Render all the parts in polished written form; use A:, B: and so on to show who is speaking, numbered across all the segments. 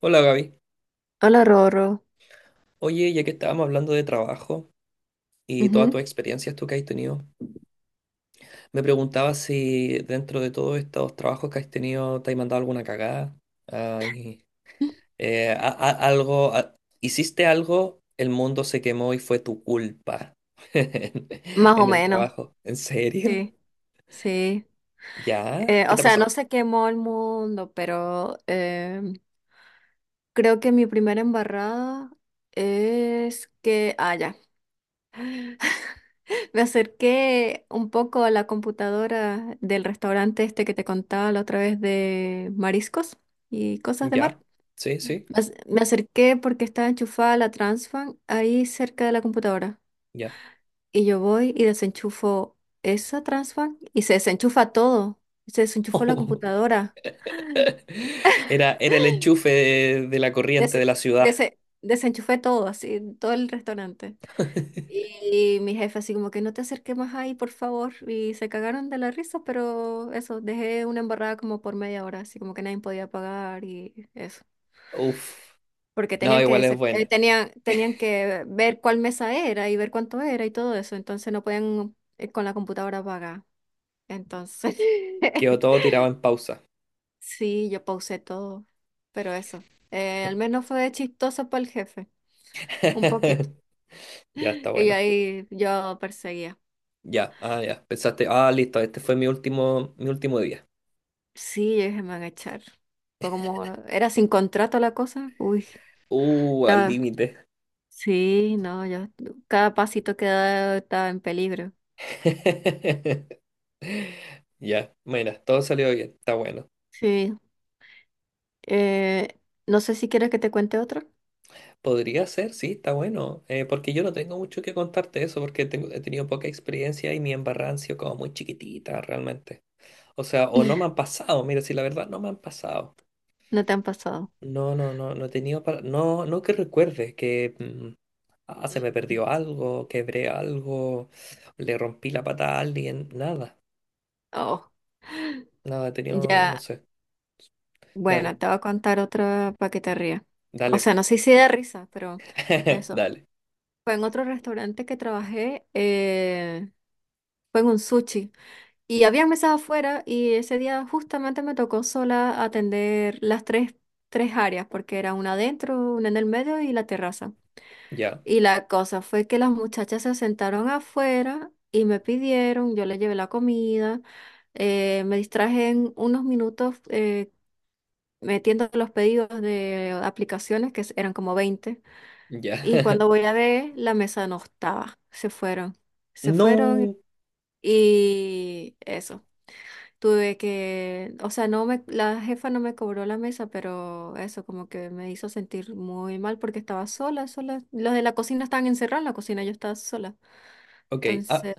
A: Hola Gaby.
B: Hola, Roro.
A: Oye, ya que estábamos hablando de trabajo y todas tus
B: Ujú.
A: experiencias tú que has tenido, me preguntaba si dentro de todos estos trabajos que has tenido te has mandado alguna cagada. Ay, algo, hiciste algo, el mundo se quemó y fue tu culpa
B: Más o
A: en el
B: menos,
A: trabajo. ¿En serio?
B: sí, sí.
A: ¿Ya?
B: Eh,
A: ¿Qué
B: o
A: te ha
B: sea, no
A: pasado?
B: se quemó el mundo, pero creo que mi primera embarrada es que, ya, Me acerqué un poco a la computadora del restaurante este que te contaba la otra vez de mariscos y cosas de mar.
A: ¿Ya? Sí,
B: Me
A: sí,
B: ac- me acerqué porque estaba enchufada la Transfan ahí cerca de la computadora.
A: ya.
B: Y yo voy y desenchufo esa transfer y se desenchufa todo. Se desenchufó la computadora.
A: Era, era el enchufe de la corriente de
B: Des-
A: la ciudad.
B: Desenchufé todo, así, todo el restaurante. Y mi jefe así como que no te acerques más ahí, por favor. Y se cagaron de la risa, pero eso, dejé una embarrada como por 1/2 hora, así como que nadie podía pagar y eso.
A: Uf.
B: Porque
A: No, igual es buena.
B: tenían que ver cuál mesa era y ver cuánto era y todo eso. Entonces no podían con la computadora pagar. Entonces...
A: Quedó todo tirado en pausa.
B: Sí, yo pausé todo, pero eso, al menos fue chistoso para el jefe, un poquito.
A: Ya está
B: Y
A: bueno.
B: ahí yo perseguía.
A: Ya, ah, ya. Pensaste, ah, listo, este fue mi último día.
B: Sí, yo dije, me van a echar. Fue como, era sin contrato la cosa, uy,
A: Al
B: estaba,
A: límite.
B: sí, no, yo, cada pasito que daba estaba en peligro.
A: Ya, mira, todo salió bien, está bueno.
B: Sí, eh, no sé si quieres que te cuente otro,
A: Podría ser, sí, está bueno. Porque yo no tengo mucho que contarte eso, porque tengo, he tenido poca experiencia y mi embarrada han sido como muy chiquitita realmente. O sea, o no me han pasado, mira, si la verdad no me han pasado.
B: no te han pasado.
A: No, no, no, no he tenido para... No, no que recuerde que... ah, se
B: Mm.
A: me perdió algo, quebré algo, le rompí la pata a alguien, nada,
B: Oh,
A: nada, he tenido, no
B: ya,
A: sé,
B: bueno,
A: dale,
B: te voy a contar otra para que te rías. O
A: dale,
B: sea, no sé si da risa, pero eso.
A: dale,
B: Fue en otro restaurante que trabajé, fue en un sushi. Y había mesas afuera y ese día justamente me tocó sola atender tres áreas, porque era una adentro, una en el medio y la terraza.
A: ya,
B: Y la cosa fue que las muchachas se sentaron afuera y me pidieron, yo les llevé la comida, me distraje en unos minutos metiendo los pedidos de aplicaciones, que eran como 20.
A: ya.
B: Y cuando voy a ver, la mesa no estaba. Se fueron. Se fueron
A: No,
B: y eso. Tuve que, o sea, no me, la jefa no me cobró la mesa, pero eso como que me hizo sentir muy mal porque estaba sola, sola. Los de la cocina estaban encerrados en la cocina, yo estaba sola.
A: ok, ah,
B: Entonces,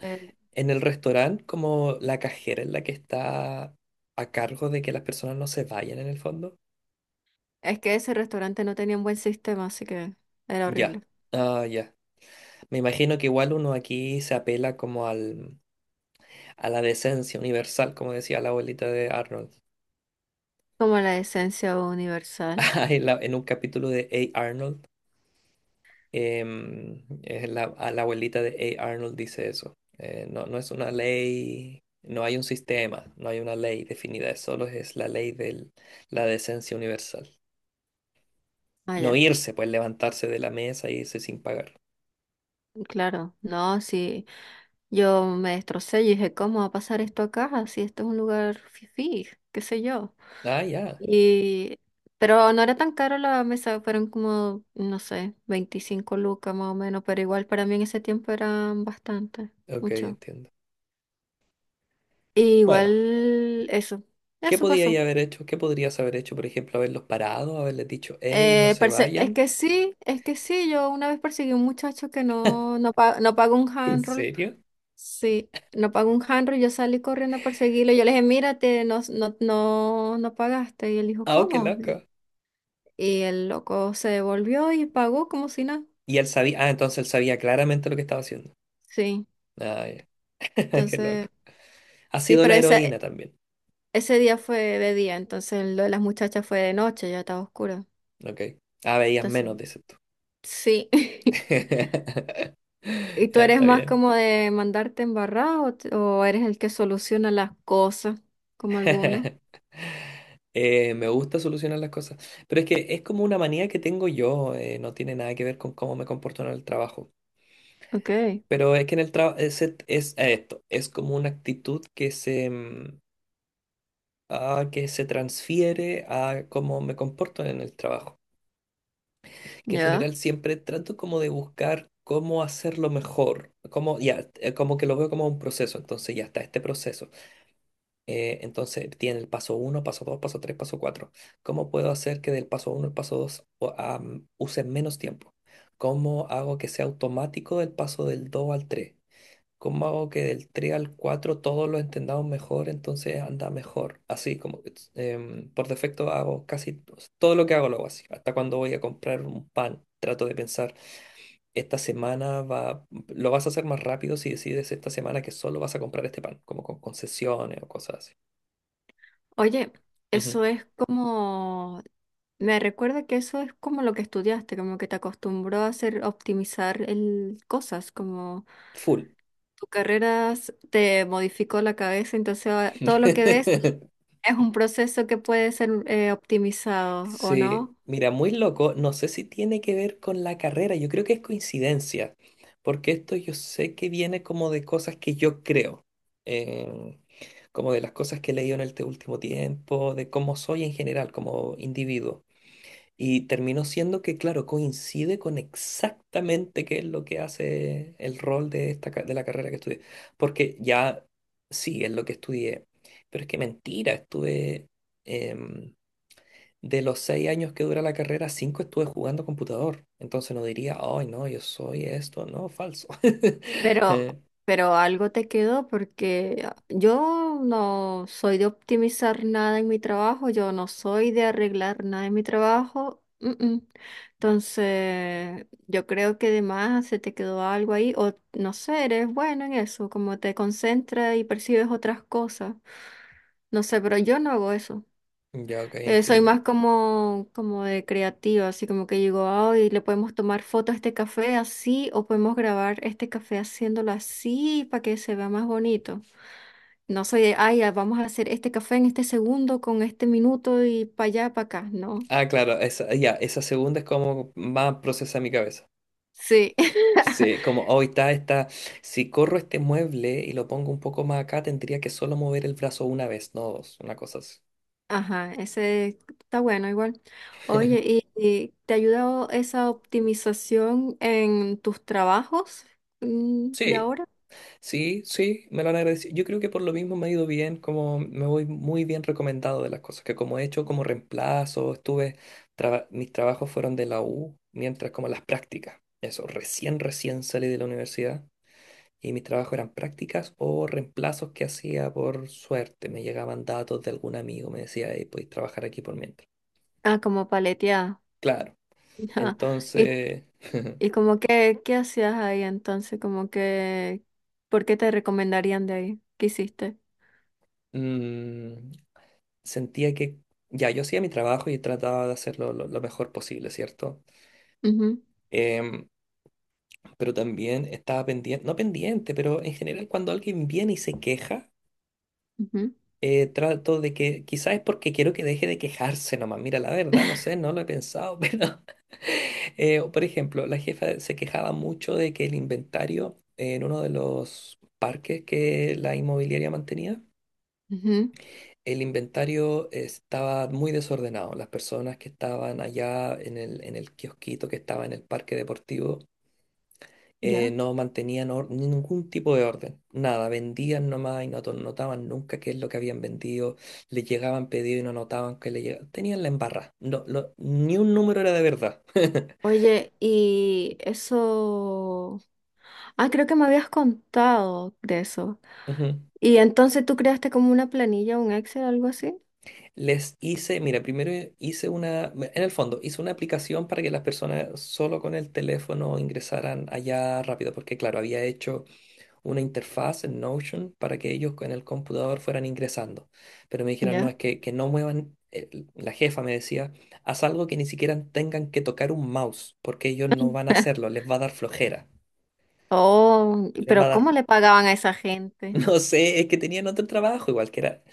A: en el restaurante, como la cajera es la que está a cargo de que las personas no se vayan en el fondo,
B: es que ese restaurante no tenía un buen sistema, así que era
A: ya.
B: horrible.
A: Ah, ya. Me imagino que igual uno aquí se apela como al, a la decencia universal, como decía la abuelita de Arnold,
B: Como la esencia universal.
A: en un capítulo de A. Arnold. Es la, a la abuelita de A. Arnold dice eso. No, no es una ley, no hay un sistema, no hay una ley definida, es solo es la ley de la decencia universal. No
B: Allá,
A: irse, pues levantarse de la mesa e irse sin pagar.
B: claro, no, sí. Yo me destrocé y dije, ¿cómo va a pasar esto acá? Si esto es un lugar fifí, qué sé yo.
A: Ah, ya,
B: Y... Pero no era tan caro la mesa, fueron como, no sé, 25 lucas más o menos, pero igual para mí en ese tiempo eran bastante,
A: ok,
B: mucho.
A: entiendo.
B: Y
A: Bueno,
B: igual eso,
A: ¿qué
B: eso
A: podía
B: pasó.
A: ella haber hecho? ¿Qué podrías haber hecho? Por ejemplo, haberlos parado, haberles dicho, hey, no
B: Eh,
A: se
B: perse- es
A: vayan.
B: que sí, es que sí, yo una vez perseguí a un muchacho que no pagó un
A: ¿En
B: handroll.
A: serio?
B: Sí, no pagó un handro, yo salí corriendo a perseguirlo. Yo le dije, mírate, no, no pagaste. Y él dijo,
A: Ah, oh, qué
B: ¿cómo?
A: loco.
B: Y el loco se devolvió y pagó como si nada.
A: Y él sabía, ah, entonces él sabía claramente lo que estaba haciendo.
B: Sí,
A: Ah, ya, qué
B: entonces,
A: loco. Ha
B: sí,
A: sido
B: pero
A: la heroína también.
B: ese día fue de día, entonces lo de las muchachas fue de noche, ya estaba oscuro.
A: Ok. Ah, veías
B: Entonces,
A: menos, dices tú.
B: sí. ¿Y tú
A: Ya
B: eres
A: está
B: más
A: bien.
B: como de mandarte embarrado o, o eres el que soluciona las cosas, como algunos?
A: Me gusta solucionar las cosas, pero es que es como una manía que tengo yo, no tiene nada que ver con cómo me comporto en el trabajo.
B: Ok,
A: Pero es que en el trabajo es, es esto, es como una actitud que se, ah, que se transfiere a cómo me comporto en el trabajo. Que en
B: ya.
A: general siempre trato como de buscar cómo hacerlo mejor, como, ya, como que lo veo como un proceso, entonces ya está este proceso. Entonces tiene el paso uno, paso 2, paso 3, paso 4. ¿Cómo puedo hacer que del paso uno al paso 2 use menos tiempo? ¿Cómo hago que sea automático el paso del 2 al 3? ¿Cómo hago que del 3 al 4 todos lo entendamos mejor, entonces anda mejor? Así como it's, por defecto hago casi todo lo que hago lo hago así. Hasta cuando voy a comprar un pan, trato de pensar, esta semana va, lo vas a hacer más rápido si decides esta semana que solo vas a comprar este pan, como con concesiones o cosas así.
B: Oye,
A: Ujú.
B: eso es como, me recuerda que eso es como lo que estudiaste, como que te acostumbró a hacer, a optimizar el, cosas, como
A: Full.
B: tu te modificó la cabeza, entonces ahora todo lo que ves es un proceso que puede ser optimizado, ¿o
A: Sí,
B: no?
A: mira, muy loco. No sé si tiene que ver con la carrera. Yo creo que es coincidencia, porque esto yo sé que viene como de cosas que yo creo, em, como de las cosas que he leído en este último tiempo, de cómo soy en general, como individuo. Y terminó siendo que, claro, coincide con exactamente qué es lo que hace el rol de, esta, de la carrera que estudié. Porque ya sí, es lo que estudié. Pero es que mentira, estuve em, de los 6 años que dura la carrera, cinco estuve jugando computador. Entonces no diría, ay, no, yo soy esto. No, falso.
B: Pero,
A: Eh,
B: pero algo te quedó porque ah, yo no soy de optimizar nada en mi trabajo, yo no soy de arreglar nada en mi trabajo. Mm. Entonces, yo creo que además se te quedó algo ahí, o no sé, eres bueno en eso, como te concentras y percibes otras cosas. No sé, pero yo no hago eso.
A: ya, ok,
B: Soy
A: entiendo.
B: más como, como de creativa, así como que digo, ay, le podemos tomar foto a este café así o podemos grabar este café haciéndolo así para que se vea más bonito. No soy de, ay, ah, vamos a hacer este café en este segundo, con este minuto y para allá, para acá, no.
A: Ah, claro, esa, ya, esa segunda es como más procesa mi cabeza.
B: Sí.
A: Sí, como hoy está, está, si corro este mueble y lo pongo un poco más acá, tendría que solo mover el brazo una vez, no dos, una cosa así.
B: Ajá, ese está bueno igual. Oye, y te ha ayudado esa optimización en tus trabajos de
A: Sí,
B: ahora?
A: sí, sí, me lo han agradecido. Yo creo que por lo mismo me ha ido bien, como me voy muy bien recomendado de las cosas, que como he hecho como reemplazo, estuve, mis trabajos fueron de la U, mientras como las prácticas, eso, recién, recién salí de la universidad. Y mis trabajos eran prácticas o reemplazos que hacía por suerte. Me llegaban datos de algún amigo, me decía, hey, podéis trabajar aquí por mientras.
B: Ah, como paleteada.
A: Claro,
B: ¿Y
A: entonces
B: ¿Y como que qué hacías ahí entonces? Como que, ¿por qué te recomendarían de ahí? ¿Qué hiciste?
A: mm, sentía que ya yo hacía mi trabajo y trataba de hacerlo lo mejor posible, ¿cierto?
B: Ujú,
A: Em, pero también estaba pendiente, no pendiente, pero en general cuando alguien viene y se queja,
B: ujú,
A: trato de que, quizás es porque quiero que deje de quejarse nomás. Mira, la verdad, no sé, no lo he pensado, pero, por ejemplo, la jefa se quejaba mucho de que el inventario en uno de los parques que la inmobiliaria mantenía,
B: ujú,
A: el inventario estaba muy desordenado. Las personas que estaban allá en el kiosquito que estaba en el parque deportivo
B: ya.
A: no mantenían ningún tipo de orden, nada, vendían nomás y no notaban nunca qué es lo que habían vendido, les llegaban pedidos y no notaban que le llegaban, tenían la embarra, no, ni un número era de verdad.
B: Oye, y eso... Ah, creo que me habías contado de eso.
A: Ujú.
B: ¿Y entonces tú creaste como una planilla, un Excel, algo así?
A: Les hice, mira, primero hice una, en el fondo, hice una aplicación para que las personas solo con el teléfono ingresaran allá rápido, porque claro, había hecho una interfaz en Notion para que ellos en el computador fueran ingresando. Pero me dijeron, no,
B: Ya.
A: es que no muevan, la jefa me decía, haz algo que ni siquiera tengan que tocar un mouse, porque ellos no van a hacerlo, les va a dar flojera,
B: Oh,
A: les va a
B: pero
A: dar,
B: ¿cómo le pagaban a esa gente?
A: no sé, es que tenían otro trabajo igual que era...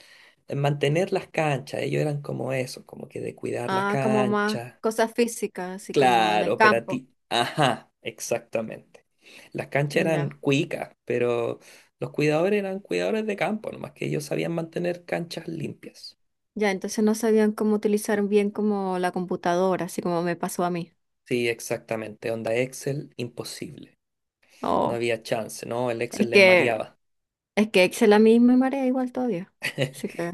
A: mantener las canchas, ellos eran como eso, como que de cuidar la
B: Ah, como más
A: cancha,
B: cosas físicas, así como en
A: claro,
B: el campo.
A: operativo. Ajá, exactamente. Las canchas eran
B: Ya.
A: cuicas, pero los cuidadores eran cuidadores de campo, nomás que ellos sabían mantener canchas limpias.
B: Ya, entonces no sabían cómo utilizar bien como la computadora, así como me pasó a mí.
A: Sí, exactamente. Onda Excel, imposible. No
B: Oh,
A: había chance, ¿no? El Excel
B: es
A: les
B: que,
A: mareaba.
B: es que Excel a mí me marea igual todavía. Así que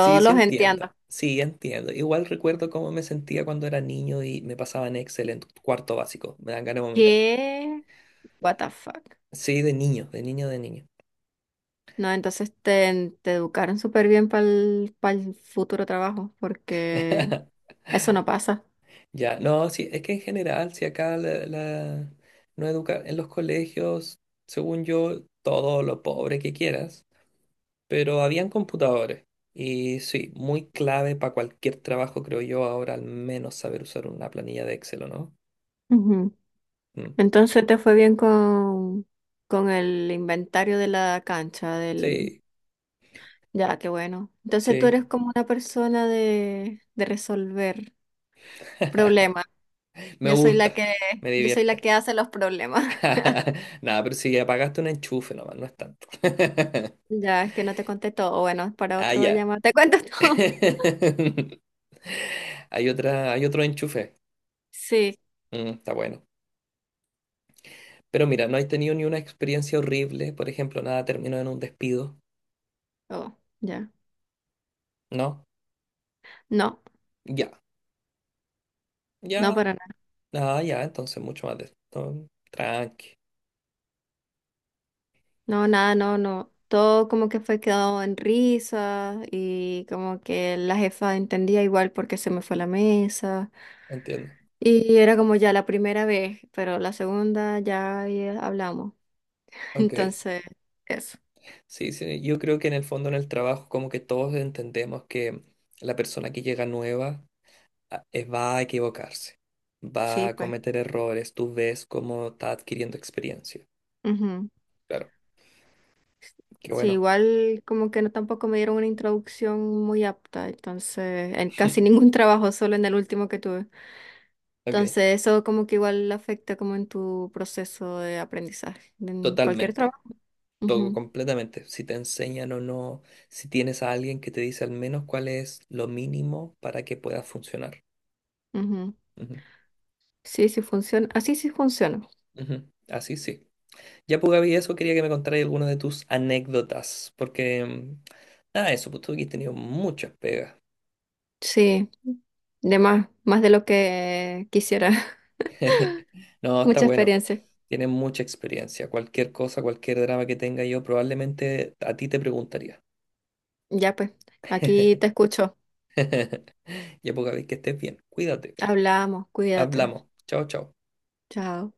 A: Sí, sí
B: los entiendo.
A: entiendo. Sí, entiendo. Igual recuerdo cómo me sentía cuando era niño y me pasaba en Excel en cuarto básico. Me dan ganas de vomitar.
B: ¿Qué? What the fuck.
A: Sí, de niño, de niño, de niño.
B: No, entonces te educaron súper bien para el futuro trabajo, porque eso no pasa.
A: Ya, no, sí, es que en general, si acá no educa en los colegios, según yo, todo lo pobre que quieras, pero habían computadores. Y sí, muy clave para cualquier trabajo, creo yo, ahora al menos saber usar una planilla de Excel, ¿o no?
B: Ujú.
A: Mm,
B: Entonces te fue bien con el inventario de la cancha, del
A: sí,
B: Ya, qué bueno. Entonces tú
A: sí.
B: eres como una persona de resolver problemas.
A: Me
B: Yo soy la
A: gusta,
B: que,
A: me
B: yo soy la
A: divierte.
B: que hace los problemas.
A: Nada, pero si apagaste un enchufe nomás, no es tanto.
B: Ya, es que no te conté todo. Bueno, para
A: Ah,
B: otro
A: ya.
B: llamado. ¿Te cuento todo?
A: Hay otra, hay otro enchufe.
B: Sí.
A: Mm, está bueno. Pero mira, no has tenido ni una experiencia horrible, por ejemplo, nada terminó en un despido,
B: Oh, ya.
A: ¿no?
B: No,
A: Ya,
B: no
A: ya,
B: para nada.
A: nada, ya, entonces mucho más de esto. Tranqui,
B: No, nada, no, no. Todo como que fue quedado en risa y como que la jefa entendía igual porque se me fue la mesa.
A: entiendo.
B: Y era como ya la primera vez, pero la segunda ya, ya hablamos.
A: Ok,
B: Entonces, eso.
A: sí, sí, yo creo que en el fondo en el trabajo como que todos entendemos que la persona que llega nueva va a equivocarse, va
B: Sí,
A: a
B: pues.
A: cometer errores, tú ves cómo está adquiriendo experiencia.
B: Ujú.
A: Claro, qué
B: Sí,
A: bueno.
B: igual como que no tampoco me dieron una introducción muy apta, entonces, en casi ningún trabajo, solo en el último que tuve.
A: Ok,
B: Entonces, eso como que igual afecta como en tu proceso de aprendizaje, en cualquier
A: totalmente.
B: trabajo.
A: Todo completamente. Si te enseñan o no, si tienes a alguien que te dice al menos cuál es lo mínimo para que puedas funcionar.
B: Ujú, ujú.
A: Ujú,
B: Sí, sí funciona. Así sí funciona.
A: ujú. Así sí. Ya, pues, Gaby, eso quería que me contaras algunas de tus anécdotas, porque, nada, eso, pues tú aquí has tenido muchas pegas.
B: Sí, de más, más de lo que quisiera.
A: No, está
B: Mucha
A: bueno.
B: experiencia.
A: Tienes mucha experiencia. Cualquier cosa, cualquier drama que tenga yo, probablemente a ti te preguntaría.
B: Ya pues, aquí te escucho.
A: Ya, pues, Gaby, que estés bien. Cuídate.
B: Hablamos, cuídate.
A: Hablamos. Chao, chao.
B: Chao.